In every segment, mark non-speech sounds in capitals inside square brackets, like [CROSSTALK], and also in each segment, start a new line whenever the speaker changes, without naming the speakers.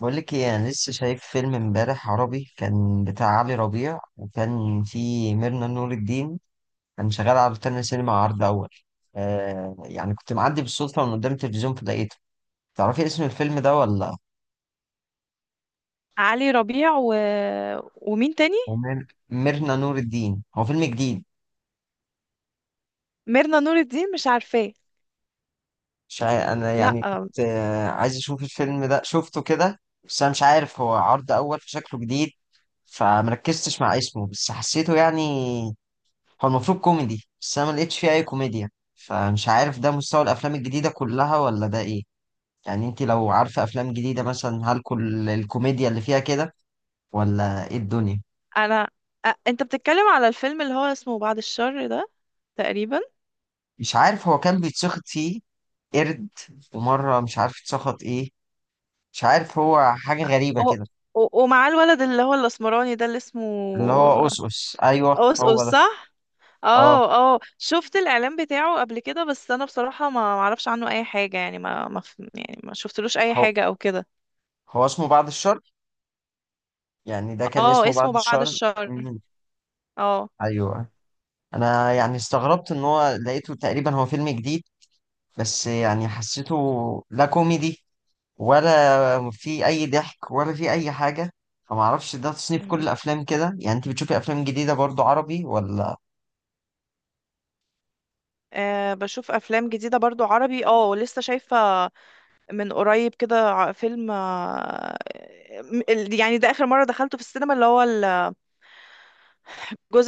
بقول لك ايه، انا لسه شايف فيلم امبارح عربي كان بتاع علي ربيع وكان فيه ميرنا نور الدين. كان شغال على روتانا سينما عرض اول. يعني كنت معدي بالصدفه من قدام التلفزيون فلقيته. تعرفي اسم الفيلم ده ولا؟
علي ربيع ومين تاني؟
هو ميرنا نور الدين، هو فيلم جديد.
ميرنا نور الدين مش عارفاه.
مش عا- انا
لا،
يعني كنت عايز اشوف الفيلم ده، شفته كده، بس انا مش عارف هو عرض اول فشكله جديد. فمركزتش مع اسمه، بس حسيته يعني. هو المفروض كوميدي بس انا ما لقيتش فيه اي كوميديا. فمش عارف ده مستوى الافلام الجديده كلها ولا ده ايه. يعني انت لو عارفه افلام جديده مثلا، هل كل الكوميديا اللي فيها كده ولا ايه الدنيا؟
انا انت بتتكلم على الفيلم اللي هو اسمه بعد الشر ده تقريبا.
مش عارف هو كان بيتسخط فيه قرد ومره، مش عارف اتسخط ايه. مش عارف، هو حاجه غريبه
و...
كده.
ومعاه الولد اللي هو الاسمراني ده اللي اسمه...
اللي هو اوسوس، ايوه
اوس اوس،
هو ده.
صح؟
اه.
اه. اه، شفت الاعلان بتاعه قبل كده، بس انا بصراحة ما اعرفش عنه اي حاجة، يعني ما ما ف- يعني ما شفتلوش اي
هو
حاجة او كده.
هو اسمه بعد الشر، يعني ده كان
اه،
اسمه بعد
اسمه بعد
الشر.
الشر.
مم.
اه.
ايوه. انا يعني استغربت ان هو لقيته تقريبا هو فيلم جديد. بس يعني حسيته لا كوميدي ولا في اي ضحك ولا في اي حاجه. فما اعرفش ده تصنيف كل
مم.
الافلام كده. يعني انت بتشوفي افلام جديده برضو عربي ولا؟
آه، بشوف افلام جديدة برضو عربي، اه لسه شايفة من قريب كده فيلم، يعني ده آخر مرة دخلته في السينما، اللي هو الجزء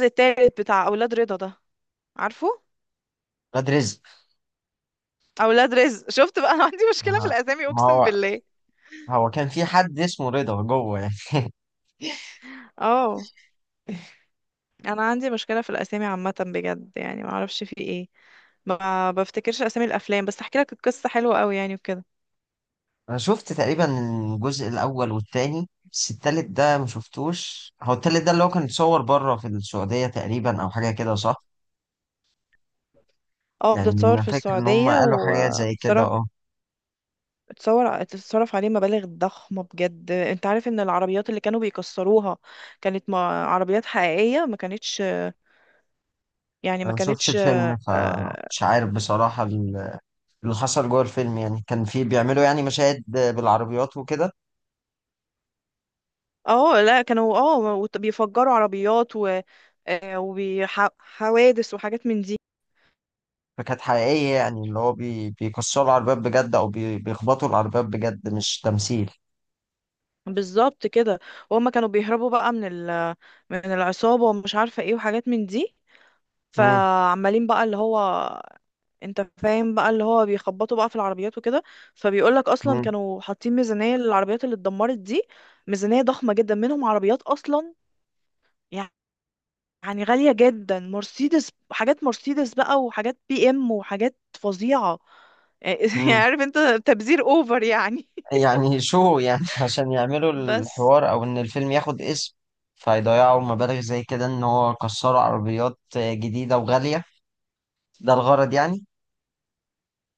التالت بتاع أولاد رضا ده، عارفه؟
ولاد رزق.
أولاد رزق [LAUGHS] شفت بقى، أنا عندي مشكلة في
ما
الأسامي،
ما
أقسم
هو
بالله.
هو كان في حد اسمه رضا جوه يعني.
اه، أنا عندي مشكلة في الأسامي عامة، بجد يعني ما أعرفش في إيه. ما بفتكرش أسامي الأفلام، بس هحكي لك القصة حلوة قوي يعني وكده.
انا شفت تقريبا الجزء الاول والتاني، بس التالت ده ما شفتوش. هو التالت ده اللي هو كان اتصور بره في السعوديه تقريبا او حاجه كده صح؟
اه، ده
يعني
اتصور
انا
في
فاكر ان هم
السعودية،
قالوا
و...
حاجات زي كده، اه.
اتصور تتصرف عليه مبالغ ضخمة بجد. انت عارف ان العربيات اللي كانوا بيكسروها كانت... ما عربيات حقيقية، ما كانتش يعني، ما
انا ما شفتش
كانتش.
الفيلم فمش عارف بصراحه اللي حصل جوه الفيلم. يعني كان في بيعملوا يعني مشاهد بالعربيات وكده؟
اه لا، كانوا اه بيفجروا عربيات و... وحوادث وحاجات من دي.
فكانت حقيقية يعني، اللي هو بيكسروا العربيات بجد أو بيخبطوا العربيات بجد، مش تمثيل.
بالظبط كده. وهم كانوا بيهربوا بقى من ال... من العصابة ومش عارفة ايه وحاجات من دي.
مم.
فعمالين بقى اللي هو... انت فاهم بقى، اللي هو بيخبطوا بقى في العربيات وكده. فبيقولك اصلا
مم.
كانوا حاطين ميزانية للعربيات اللي اتدمرت دي. ميزانية ضخمة جدا، منهم عربيات اصلا يعني غالية جدا. مرسيدس، حاجات مرسيدس بقى وحاجات بي ام وحاجات فظيعة [LAUGHS] يعني
مم.
عارف انت، تبذير اوفر يعني.
يعني شو يعني [LAUGHS] عشان يعملوا
[LAUGHS] بس
الحوار أو إن الفيلم ياخد اسم، فيضيعوا مبالغ زي كده إن هو كسروا عربيات جديدة وغالية؟ ده الغرض يعني؟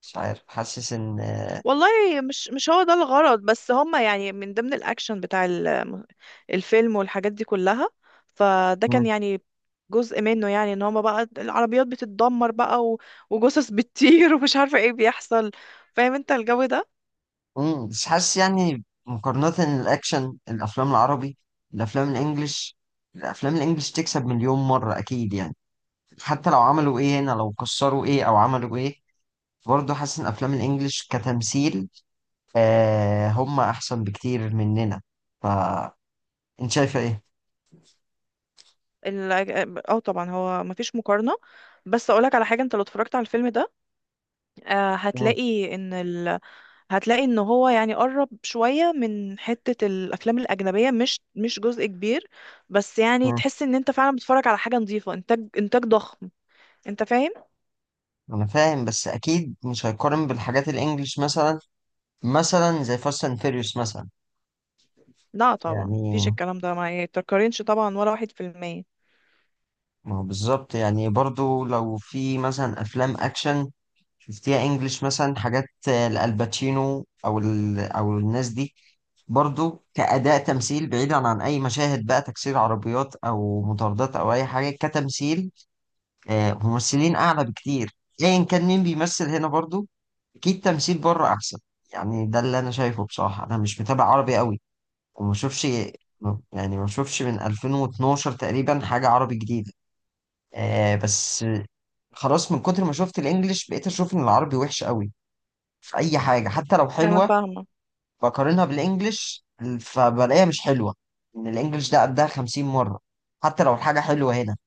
مش عارف، حاسس إن،
والله، مش هو ده الغرض، بس هما يعني من ضمن الأكشن بتاع الفيلم والحاجات دي كلها. فده كان يعني جزء منه، يعني ان هما بقى العربيات بتتدمر بقى وجثث بتطير [LAUGHS] ومش عارفة ايه بيحصل. فاهم انت الجو ده؟
مم، بس حاسس يعني مقارنة الأكشن، الأفلام العربي، الأفلام الإنجليش، الأفلام الإنجليش تكسب مليون مرة أكيد يعني. حتى لو عملوا إيه هنا، لو كسروا إيه أو عملوا إيه، برضه حاسس إن أفلام الإنجليش كتمثيل، آه، هم أحسن بكتير مننا. فأنت شايفة إيه؟
اه طبعا هو مفيش مقارنة. بس اقولك على حاجة، انت لو اتفرجت على الفيلم ده
مم،
هتلاقي ان... هتلاقي ان هو يعني قرب شوية من حتة الافلام الاجنبية، مش جزء كبير، بس يعني
مم.
تحس ان انت فعلا بتتفرج على حاجة نظيفة، انتاج ضخم. انت فاهم؟
أنا فاهم، بس أكيد مش هيقارن بالحاجات الإنجليش مثلا، مثلا زي فاست أند فيريوس مثلا.
لا طبعا
يعني
مفيش، الكلام ده ما يتقارنش طبعا، ولا واحد في المية.
ما هو بالظبط. يعني برضو لو في مثلا أفلام أكشن شفتيها انجلش مثلا، حاجات لالباتشينو او او الناس دي، برضو كأداء تمثيل بعيدا عن أي مشاهد بقى تكسير عربيات أو مطاردات أو أي حاجة، كتمثيل، ممثلين أعلى بكتير، أيا كان مين بيمثل هنا. برضو أكيد تمثيل بره أحسن. يعني ده اللي أنا شايفه بصراحة. أنا مش متابع عربي قوي وما شوفش، يعني ما شوفش من 2012 تقريبا حاجة عربي جديدة. بس خلاص، من كتر ما شفت الإنجليش بقيت أشوف إن العربي وحش قوي في اي حاجه. حتى لو
انا
حلوه
فاهمة.
بقارنها بالانجليش فبلاقيها مش حلوه، ان الانجليش ده قدها 50 مره حتى لو الحاجه حلوه هنا.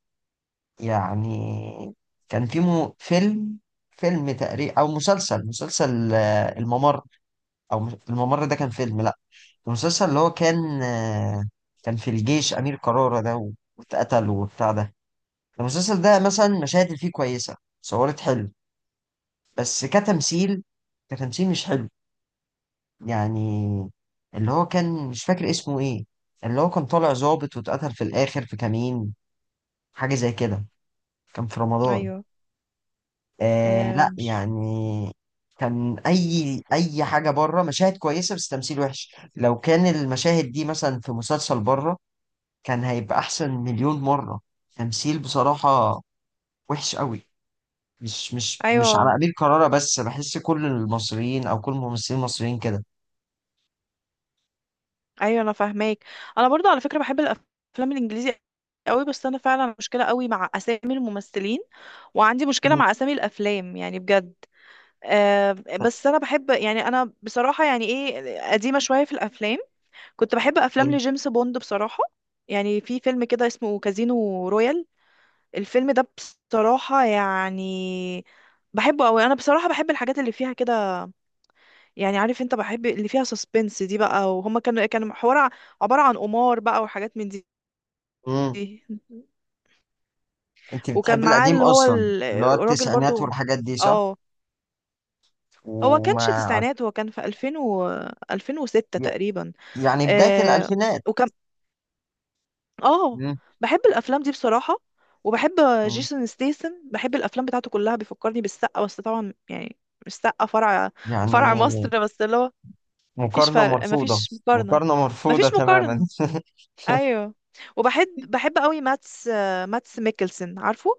يعني كان في مو فيلم فيلم تقريبا او مسلسل، الممر، او الممر ده كان فيلم، لا، المسلسل اللي هو كان، كان في الجيش امير قرارة ده واتقتل وبتاع ده. المسلسل ده مثلا مشاهد اللي فيه كويسه، صورت حلو، بس كتمثيل، كتمثيل مش حلو يعني. اللي هو كان مش فاكر اسمه ايه، اللي هو كان طالع ظابط واتقتل في الاخر في كمين، حاجة زي كده. كان في رمضان.
ايوه.
آه
آه،
لا
مش
يعني كان اي حاجة بره مشاهد كويسة بس تمثيل وحش. لو كان المشاهد دي مثلا في مسلسل بره كان هيبقى احسن مليون مرة. تمثيل بصراحة وحش قوي. مش على
ايوه،
قليل قرارة بس، بحس كل المصريين او كل الممثلين المصريين كده.
ايوه، انا فاهماك. انا برضو على فكرة بحب الافلام الانجليزي قوي، بس انا فعلا مشكلة قوي مع اسامي الممثلين، وعندي مشكلة مع اسامي الافلام يعني، بجد. آه، بس انا بحب يعني، انا بصراحه يعني ايه، قديمه شويه في الافلام. كنت بحب افلام لجيمس بوند بصراحه، يعني في فيلم كده اسمه كازينو رويال، الفيلم ده بصراحه يعني بحبه قوي. انا بصراحه بحب الحاجات اللي فيها كده، يعني عارف انت، بحب اللي فيها سسبنس دي بقى، وهما كانوا كان حوار عباره عن قمار بقى وحاجات من دي [LAUGHS]
مم.
دي.
انت
وكان
بتحبي
معاه
القديم
اللي هو
اصلا، اللي هو
الراجل
التسعينات
برضو.
والحاجات دي صح؟
اه، هو كانش
وما
تسعينات، هو كان في 2000 و 2006
ي-
تقريبا.
يعني بداية
آه
الالفينات.
وكم. اه،
مم.
بحب الافلام دي بصراحه، وبحب
مم.
جيسون ستيسن، بحب الافلام بتاعته كلها. بيفكرني بالسقا، بس طبعا يعني مش سقا فرع، فرع مصر،
يعني
بس اللي هو مفيش
مقارنة
فرق،
مرفوضة.
مفيش مقارنه،
مقارنة مرفوضة
مفيش
تماما
مقارنه.
[LAUGHS]
ايوه. وبحب قوي ماتس، ماتس ميكلسن، عارفه؟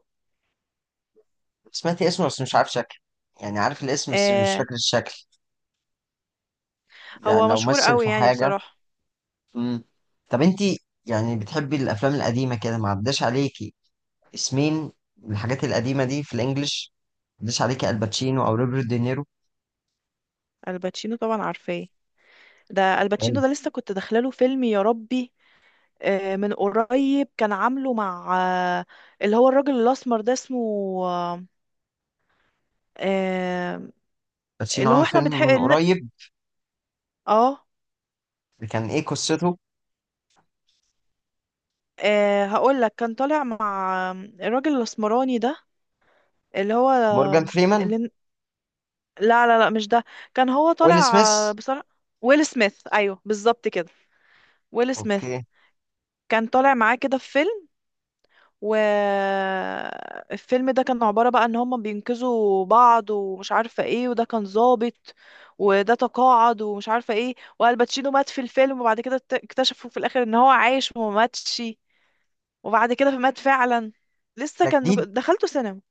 سمعتي اسمه بس مش عارف شكله. يعني عارف الاسم بس مش
آه،
فاكر الشكل. يعني
هو
لو
مشهور
مثل
قوي
في
يعني
حاجة.
بصراحه.
مم. طب انت يعني بتحبي الافلام القديمة كده، ما عداش عليكي اسمين الحاجات القديمة دي في الانجليش. ما عداش عليكي الباتشينو او روبرت دينيرو.
الباتشينو طبعا عارفاه، ده الباتشينو ده لسه كنت داخله له فيلم يا ربي. من قريب، كان عامله مع آه، اللي هو الراجل الأسمر ده اسمه آه، آه،
الباتشينو
اللي هو
عامل
احنا
فيلم
بنحق
من قريب؟
اه.
كان ايه قصته؟
هقول لك كان طالع مع الراجل الأسمراني ده، اللي هو
مورجان فريمان؟
اللي... لا لا لا، مش ده. كان هو
ويل
طالع،
سميث؟
بصراحة ويل سميث. ايوه، بالظبط كده، ويل سميث،
اوكي.
كان طالع معاه كده في فيلم. والفيلم ده كان عبارة بقى ان هم بينقذوا بعض ومش عارفة ايه، وده كان ظابط وده تقاعد ومش عارفة ايه، والباتشينو مات في الفيلم، وبعد كده اكتشفوا في الاخر ان هو عايش وما ماتش، وبعد كده مات فعلا. لسه
ده
كان
جديد؟
دخلته سينما.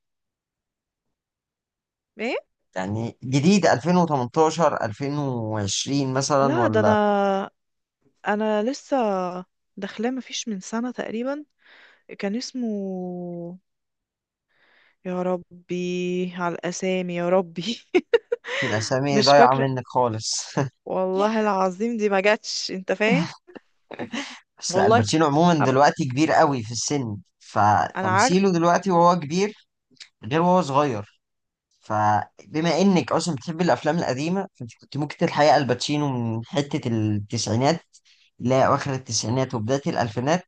ايه؟
يعني جديد 2018 2020 مثلا
لا ده
ولا؟
انا، انا لسه داخلاه مفيش من سنة تقريبا. كان اسمه... يا ربي على الاسامي يا ربي [LAUGHS]
الاسامي
مش
ضايعه
فاكرة.
منك خالص [LAUGHS]
والله العظيم دي ما جاتش، انت فاهم.
بس لا،
والله.
الباتشينو عموما
أب...
دلوقتي كبير قوي في السن،
انا
فتمثيله
عارف.
دلوقتي وهو كبير غير وهو صغير. فبما انك اصلا بتحب الافلام القديمه فانت كنت ممكن تلحقي الباتشينو من حته التسعينات. لا، اواخر التسعينات وبدايه الالفينات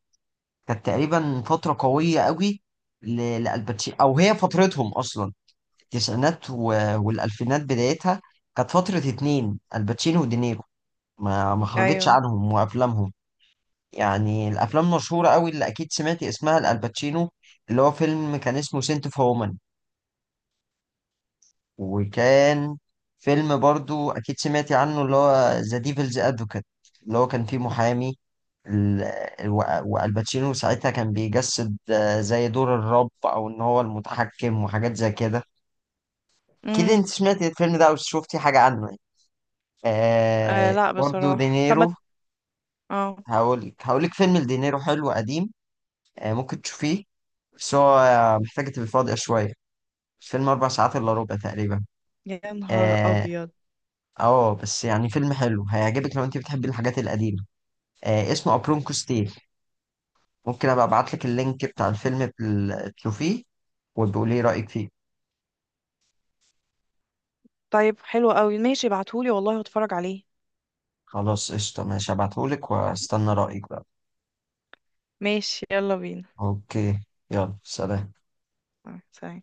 كانت تقريبا فترة قوية قوي ل- لألباتشينو، أو هي فترتهم أصلا، التسعينات والألفينات بدايتها. كانت فترة اتنين الباتشينو ودينيرو، ما خرجتش
ايوه.
عنهم وأفلامهم. يعني الأفلام مشهورة قوي اللي أكيد سمعت اسمها الألباتشينو اللي هو فيلم كان اسمه سنت اوف. وكان فيلم برضو أكيد سمعتي عنه اللي هو ذا ديفلز أدفوكات، اللي هو كان فيه محامي ال- والباتشينو ساعتها كان بيجسد زي دور الرب أو إن هو المتحكم وحاجات زي كده. أكيد
امم.
أنت سمعتي الفيلم ده أو شفتي حاجة عنه يعني.
آه
آه،
لا
برضو
بصراحه، طب ما
دينيرو،
ت- اه.
هقولك فيلم لدينيرو حلو قديم، آه ممكن تشوفيه. بس هو محتاج تبقى فاضية شوية، الفيلم أربع ساعات إلا ربع تقريبا.
يا نهار
آه.
ابيض.
اه بس يعني فيلم حلو هيعجبك لو انت بتحبي الحاجات القديمة، آه، اسمه أبرونكو ستيل. ممكن ابقى ابعت لك اللينك بتاع الفيلم تشوفيه وتقولي لي رأيك فيه.
طيب حلو قوي، ماشي ابعتهولي والله واتفرج عليه.
خلاص قشطة، ماشي، هبعتهولك واستنى رأيك بقى.
ماشي، يلا بينا.
اوكي. يلا سلام.
سلام.